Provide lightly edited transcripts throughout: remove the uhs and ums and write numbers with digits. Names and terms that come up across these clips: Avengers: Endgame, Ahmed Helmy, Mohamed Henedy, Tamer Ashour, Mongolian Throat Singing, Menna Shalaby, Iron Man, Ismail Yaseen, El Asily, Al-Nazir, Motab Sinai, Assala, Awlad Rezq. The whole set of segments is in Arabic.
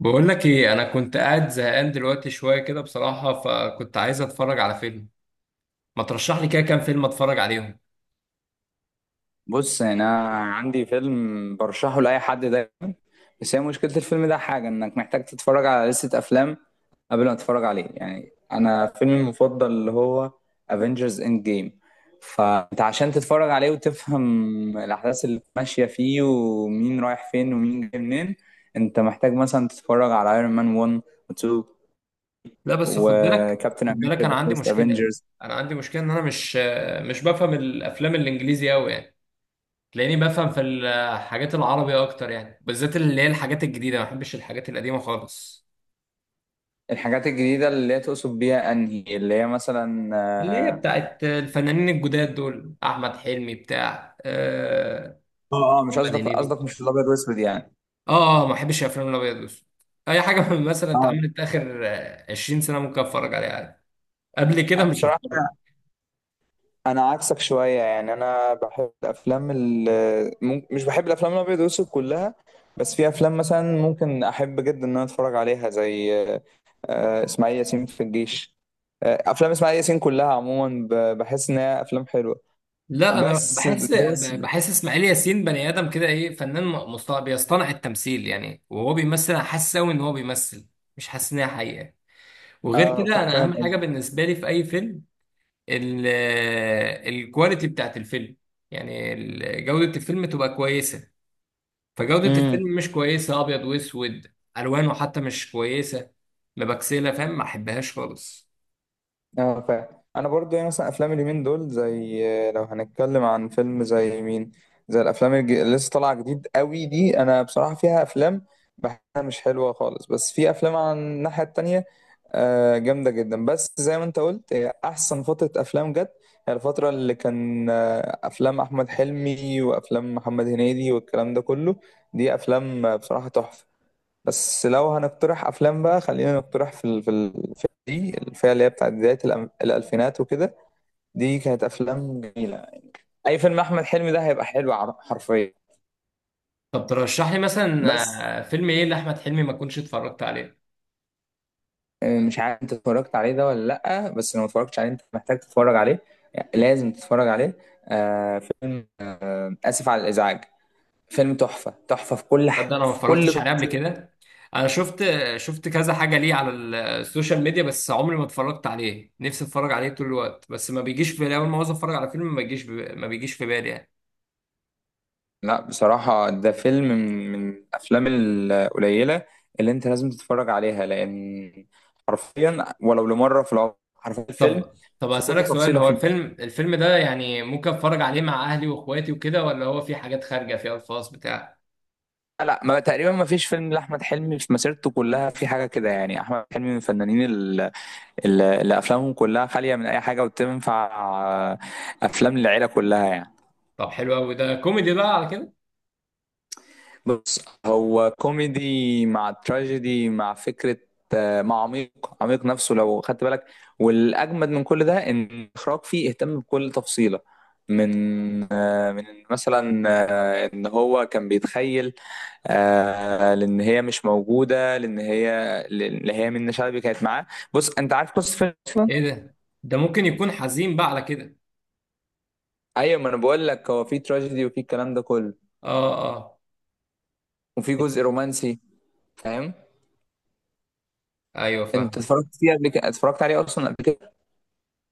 بقول لك ايه، انا كنت قاعد زهقان دلوقتي شويه كده بصراحه، فكنت عايز اتفرج على فيلم. ما ترشح لي كده كام فيلم اتفرج عليهم؟ بص، يعني انا عندي فيلم برشحه لاي حد دايما. بس هي مشكله الفيلم ده حاجه، انك محتاج تتفرج على لستة افلام قبل ما تتفرج عليه. يعني انا فيلمي المفضل اللي هو افنجرز اند جيم، فانت عشان تتفرج عليه وتفهم الاحداث اللي ماشيه فيه ومين رايح فين ومين جاي منين، انت محتاج مثلا تتفرج على ايرون مان 1 و 2 لا بس خد بالك وكابتن خد بالك امريكا انا ذا عندي فيرست مشكله افنجرز. انا عندي مشكله ان انا مش بفهم الافلام الانجليزي قوي يعني. تلاقيني بفهم في الحاجات العربي اكتر يعني، بالذات اللي هي الحاجات الجديده. ما بحبش الحاجات القديمه خالص. الحاجات الجديده اللي هي تقصد بيها انهي؟ اللي هي مثلا اللي هي بتاعت الفنانين الجداد دول، احمد حلمي بتاع اه اه، مش محمد قصدك هنيدي. قصدك مش الابيض واسود يعني؟ اه اه، ما بحبش الافلام الابيض والاسود. اي حاجه من مثلا اتعملت اخر 20 سنه ممكن اتفرج عليها عادي. قبل كده اه مش بصراحه هتفرج. أنا عكسك شويه. يعني انا بحب الافلام مش بحب الافلام الابيض واسود كلها، بس في افلام مثلا ممكن احب جدا ان انا اتفرج عليها، زي اسماعيل ياسين في الجيش. افلام اسماعيل ياسين كلها عموما بحس انها افلام حلوه، لا انا بس ده بحس، بس. بحس اسماعيل ياسين بني ادم كده ايه، فنان مصطنع، بيصطنع التمثيل يعني. وهو بيمثل انا حاسس قوي ان هو بيمثل، مش حاسس ان هي حقيقه. وغير اه كده، انا فاهم اهم حاجه قصدك. بالنسبه لي في اي فيلم الكواليتي بتاعت الفيلم، يعني جوده الفيلم تبقى كويسه. فجودة امم. الفيلم مش كويسة، أبيض وأسود، ألوانه حتى مش كويسة مبكسلة، فاهم؟ ما أحبهاش خالص. اه فاهم. انا برضو يعني مثلا افلام اليومين دول، زي لو هنتكلم عن فيلم زي مين، زي الافلام اللي لسه طالعه جديد قوي دي، انا بصراحه فيها افلام بحسها مش حلوه خالص، بس في افلام عن الناحيه التانية جامده جدا. بس زي ما انت قلت، هي احسن فتره افلام جت هي الفتره اللي كان افلام احمد حلمي وافلام محمد هنيدي والكلام ده كله. دي افلام بصراحه تحفه. بس لو هنقترح افلام بقى، خلينا نقترح في في الفئه دي، الفئه اللي هي بتاعت بدايه الالفينات وكده. دي كانت افلام جميله. اي فيلم احمد حلمي ده هيبقى حلو، حرفيا. طب ترشح لي مثلا بس فيلم إيه لأحمد حلمي ما كنتش اتفرجت عليه؟ مش عارف انت اتفرجت عليه ده ولا لا، بس لو ما اتفرجتش عليه انت محتاج تتفرج عليه. يعني لازم تتفرج عليه. فيلم اسف على الازعاج، فيلم تحفه تحفه في كل تصدق أنا ما في كل اتفرجتش عليه قبل تفصيله. كده؟ أنا شفت كذا حاجة ليه على السوشيال ميديا، بس عمري ما اتفرجت عليه. نفسي اتفرج عليه طول الوقت بس ما بيجيش في بالي. أول ما عاوز اتفرج على فيلم ما بيجيش في بالي يعني. لا بصراحة، ده فيلم من الأفلام القليلة اللي أنت لازم تتفرج عليها، لأن حرفيا، ولو لمرة في العمر، حرفيا الفيلم طب في كل أسألك سؤال، تفصيلة هو فيه. الفيلم ده يعني ممكن اتفرج عليه مع أهلي وإخواتي وكده، ولا هو في حاجات خارجة فيها الفاظ بتاع؟ لا لا، ما تقريبا ما فيش فيلم لأحمد حلمي في مسيرته كلها في حاجة كده. يعني أحمد حلمي من الفنانين اللي أفلامهم كلها خالية من أي حاجة، وتنفع آه، أفلام للعيلة كلها يعني. طب حلو قوي، ده كوميدي بقى على كده؟ بص، هو كوميدي مع تراجيدي مع فكرة مع عميق. عميق نفسه لو خدت بالك. والأجمد من كل ده إن الإخراج فيه اهتم بكل تفصيلة، من آه، من مثلا إن هو كان بيتخيل، لأن هي مش موجودة، لأن هي منة شلبي كانت معاه. بص، أنت عارف قصة فيلم أصلا؟ ايه ده ممكن يكون حزين بقى على كده؟ أيوة، ما أنا بقول لك، هو في تراجيدي وفي الكلام ده كله، اه اه. وفي جزء رومانسي، فاهم؟ ايوه فاهم. أنت اتفرجت فيه قبل كده اتفرجت عليه أصلا قبل كده؟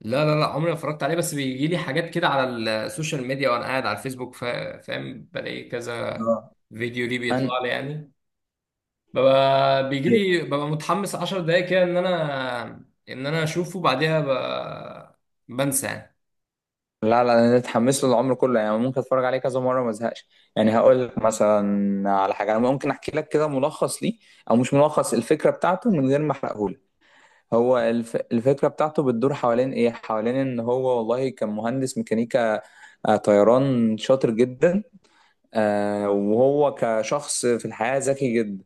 لا لا لا، عمري ما اتفرجت عليه. بس بيجي لي حاجات كده على السوشيال ميديا وانا قاعد على الفيسبوك، فاهم؟ بلاقي كذا آه. فيديو ليه بيطلع أنا لي يعني. ببقى بيجي لي، ببقى متحمس 10 دقايق كده ان انا اشوفه. بعدها بنسى يعني. لا لا، انا اتحمس له العمر كله. يعني ممكن اتفرج عليه كذا مره ما ازهقش. يعني هقول لك مثلا على حاجه. انا ممكن احكي لك كده ملخص ليه، او مش ملخص، الفكره بتاعته، من غير ما احرقه لك. هو الفكره بتاعته بتدور حوالين ايه؟ حوالين ان هو والله كان مهندس ميكانيكا طيران شاطر جدا. وهو كشخص في الحياه ذكي جدا.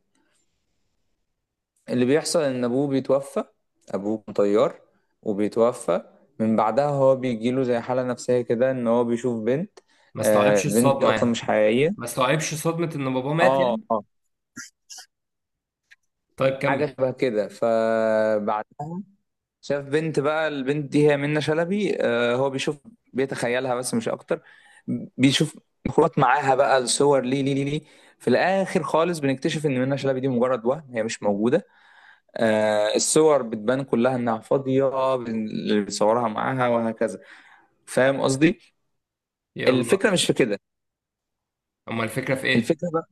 اللي بيحصل ان ابوه بيتوفى. ابوه كان طيار وبيتوفى. من بعدها هو بيجيله زي حالة نفسية كده، ان هو بيشوف بنت، ما استوعبش بنت الصدمة اصلا مش يعني، ما حقيقية. استوعبش صدمة ان بابا مات اه يعني. اه، طيب حاجة كمل. شبه كده. فبعدها شاف بنت، بقى البنت دي هي منة شلبي. هو بيشوف، بيتخيلها بس مش اكتر. بيشوف مخلوقات معاها. بقى الصور ليه ليه ليه ليه. في الاخر خالص بنكتشف ان منة شلبي دي مجرد وهم، هي مش موجودة. الصور بتبان كلها انها فاضيه، اللي بيصورها معاها، وهكذا. فاهم قصدي؟ يلا. الفكره مش في كده. اما الفكرة في ايه؟ الفكره بقى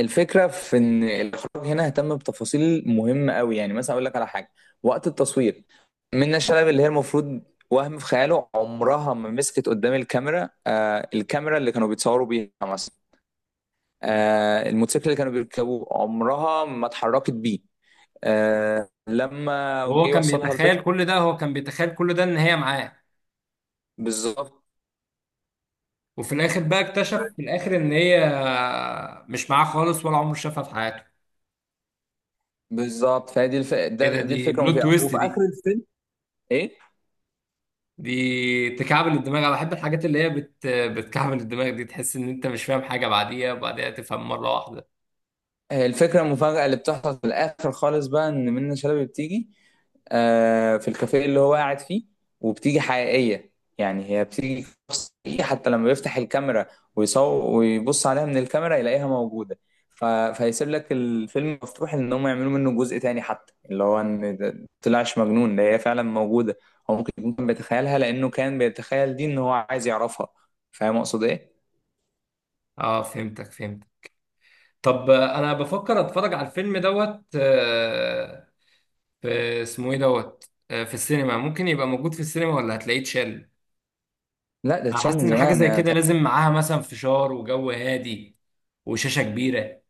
الفكره في ان الاخراج هنا اهتم بتفاصيل مهمه قوي. يعني مثلا اقول لك على حاجه. وقت التصوير، منة شلبي اللي هي المفروض وهم في خياله، عمرها ما مسكت قدام الكاميرا، الكاميرا اللي كانوا بيتصوروا بيها مثلا. الموتوسيكل اللي كانوا بيركبوه عمرها ما اتحركت بيه. لما جه وهو كان يوصلها البيت. بيتخيل كل ده هو كان بيتخيل كل ده ان هي معاه. بالظبط. وفي الاخر بقى اكتشف في الاخر ان هي مش معاه خالص ولا عمره شافها في حياته. بالظبط، فهي دي ايه ده! دي دي الفكره بلوت المفاجاه. تويست وفي اخر دي! الفيلم، ايه دي تكعبل الدماغ. انا بحب الحاجات اللي هي بتكعبل الدماغ دي. تحس ان انت مش فاهم حاجه، بعديها وبعديها تفهم مره واحده. الفكره المفاجاه اللي بتحصل في الاخر خالص، بقى ان منة شلبي بتيجي في الكافيه اللي هو قاعد فيه، وبتيجي حقيقيه. يعني هي بتيجي شخص حقيقي، حتى لما بيفتح الكاميرا ويصور ويبص عليها من الكاميرا يلاقيها موجوده. فيسيب لك الفيلم مفتوح ان هم يعملوا منه جزء تاني، حتى اللي هو ان ده طلعش مجنون، ده هي فعلا موجوده. هو ممكن يكون كان بيتخيلها لانه كان بيتخيل دي ان هو عايز يعرفها. فاهم اقصد ايه؟ اه فهمتك فهمت. طب انا بفكر اتفرج على الفيلم دوت في اسمه ايه دوت في السينما. ممكن يبقى موجود في السينما ولا هتلاقيه اتشال؟ لا ده انا اتشال حاسس من ان حاجه زمان، زي يعني كده لازم معاها مثلا فشار وجو هادي وشاشه كبيره.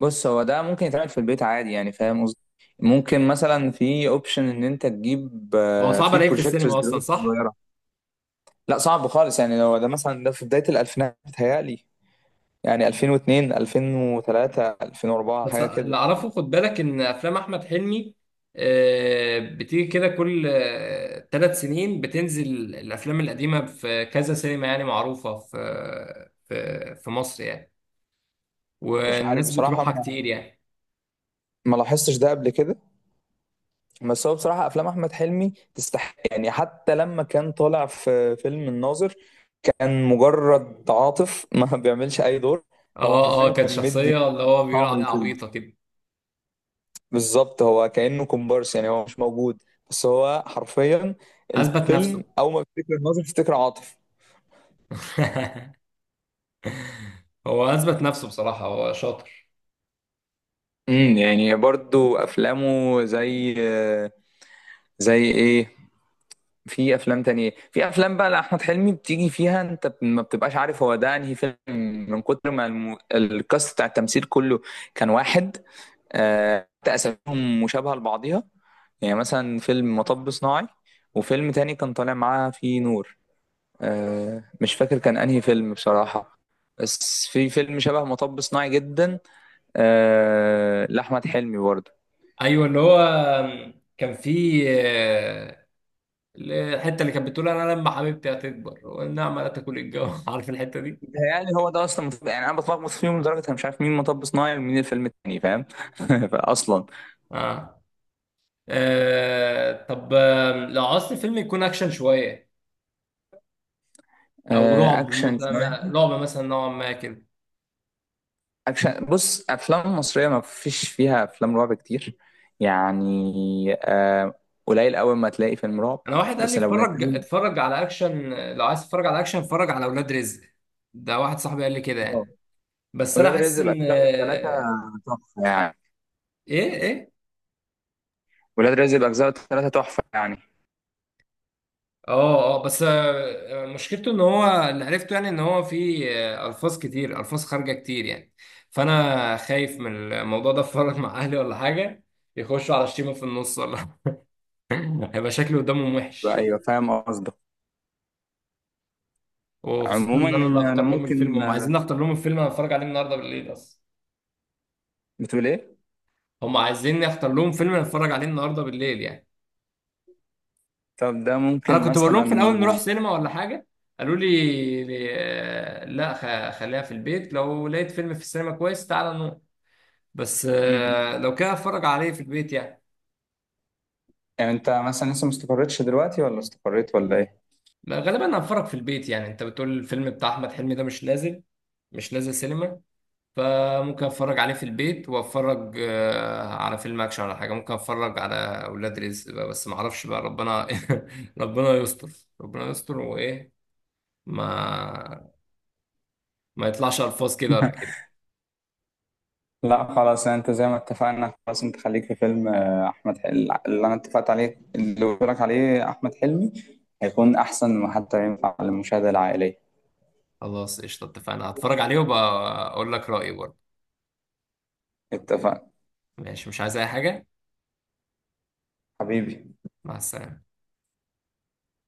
بص، هو ده ممكن يتعمل في البيت عادي، يعني فاهم قصدي، ممكن مثلا في اوبشن ان انت تجيب هو صعب في الاقيه في بروجيكتورز السينما اصلا، دلوقتي صح؟ صغيره. لا صعب خالص. يعني لو ده مثلا، ده في بدايه الالفينات بتهيألي، يعني 2002 2003 2004 بس حاجه اللي كده. اعرفه، خد بالك، ان افلام احمد حلمي بتيجي كده كل ثلاث سنين. بتنزل الافلام القديمه في كذا سينما يعني معروفه في مصر يعني، مش عارف والناس بصراحه، بتروحها ما كتير يعني. ما لاحظتش ده قبل كده. بس هو بصراحه افلام احمد حلمي تستحق، يعني حتى لما كان طالع في فيلم الناظر، كان مجرد عاطف، ما بيعملش اي دور. هو اه اه، حرفيا كانت كان مدي شخصيه اللي هو بيقول طعم عليها الفيلم. عبيطه كده. بالظبط، هو كأنه كومبارس، يعني هو مش موجود، بس هو حرفيا اثبت الفيلم نفسه. أول ما بتفتكر الناظر بتفتكر عاطف. هو اثبت نفسه بصراحه، هو شاطر. يعني برضو أفلامه زي، إيه؟ في أفلام تانية، في أفلام بقى لأحمد حلمي بتيجي فيها أنت ما بتبقاش عارف هو ده أنهي فيلم، من كتر ما الكاست بتاع التمثيل كله كان واحد. حتى أساميهم مشابهة لبعضيها. يعني مثلا فيلم مطب صناعي، وفيلم تاني كان طالع معاه فيه نور، مش فاكر كان انهي فيلم بصراحة. بس في فيلم شبه مطب صناعي جدا لأحمد حلمي برضه. ايوه، اللي هو كان في الحته اللي كانت بتقول، انا لما حبيبتي هتكبر والنعمه لا تاكل الجو عارف الحته دي؟ ده يعني، هو ده اصلا يعني انا بتلخبط فيهم لدرجه انا مش عارف مين مطب صناعي ومين الفيلم التاني، فاهم؟ فاصلا اه, طب لو عاوز فيلم يكون اكشن شويه، او رعب موت، اكشن شوية. رعب مثلا نوعا ما كده. اكشن، بص افلام مصريه ما فيش فيها افلام رعب كتير، يعني آه، قليل قوي ما تلاقي فيلم رعب. انا واحد قال لي، بس لو اتفرج بنتكلم اتفرج على اكشن. لو عايز تتفرج على اكشن اتفرج على اولاد رزق. ده واحد صاحبي قال لي كده آه، يعني. بس انا ولاد رزق حاسس ان اجزاء الثلاثه تحفه يعني. ايه إيه؟ ولاد رزق اجزاء الثلاثه تحفه يعني. اه اه، بس مشكلته ان هو اللي عرفته يعني، ان هو في الفاظ كتير، الفاظ خارجه كتير يعني. فانا خايف من الموضوع ده، اتفرج مع اهلي ولا حاجه؟ يخشوا على شتيمه في النص ولا هيبقى شكلي قدامهم وحش. ايوه، فاهم قصدك. وخصوصا عموما ان انا اللي انا هختار لهم الفيلم. ممكن هم عايزين اختار لهم الفيلم انا اتفرج عليه النهارده بالليل اصلا. بتقول ايه؟ هم عايزيني اختار لهم فيلم انا اتفرج عليه النهارده بالليل يعني. طب ده انا ممكن كنت بقول لهم في الاول نروح مثلا. سينما ولا حاجه. قالوا لي لا. خليها في البيت، لو لقيت فيلم في السينما كويس تعالى نروح. بس مم. لو كده هتفرج عليه في البيت يعني. يعني انت مثلا لسه ما استقرتش دلوقتي ولا استقريت ولا ايه؟ ما غالبا هتفرج في البيت يعني. انت بتقول الفيلم بتاع احمد حلمي ده مش نازل سينما. فممكن اتفرج عليه في البيت واتفرج على فيلم اكشن ولا حاجه. ممكن اتفرج على اولاد رزق بقى، بس ما اعرفش بقى، ربنا ربنا يستر. ربنا يستر وايه، ما ما يطلعش الفاظ كده ولا كده. لا خلاص، يعني انت زي ما اتفقنا، خلاص انت خليك في فيلم احمد حلمي اللي انا اتفقت عليه، اللي قلت لك عليه. احمد حلمي هيكون احسن، ما حتى ينفع للمشاهده العائليه. خلاص قشطه، اتفقنا هتفرج عليه، وبقى اقول لك رايي برضه. اتفقنا ماشي مش عايز اي حاجه. حبيبي. مع السلامه.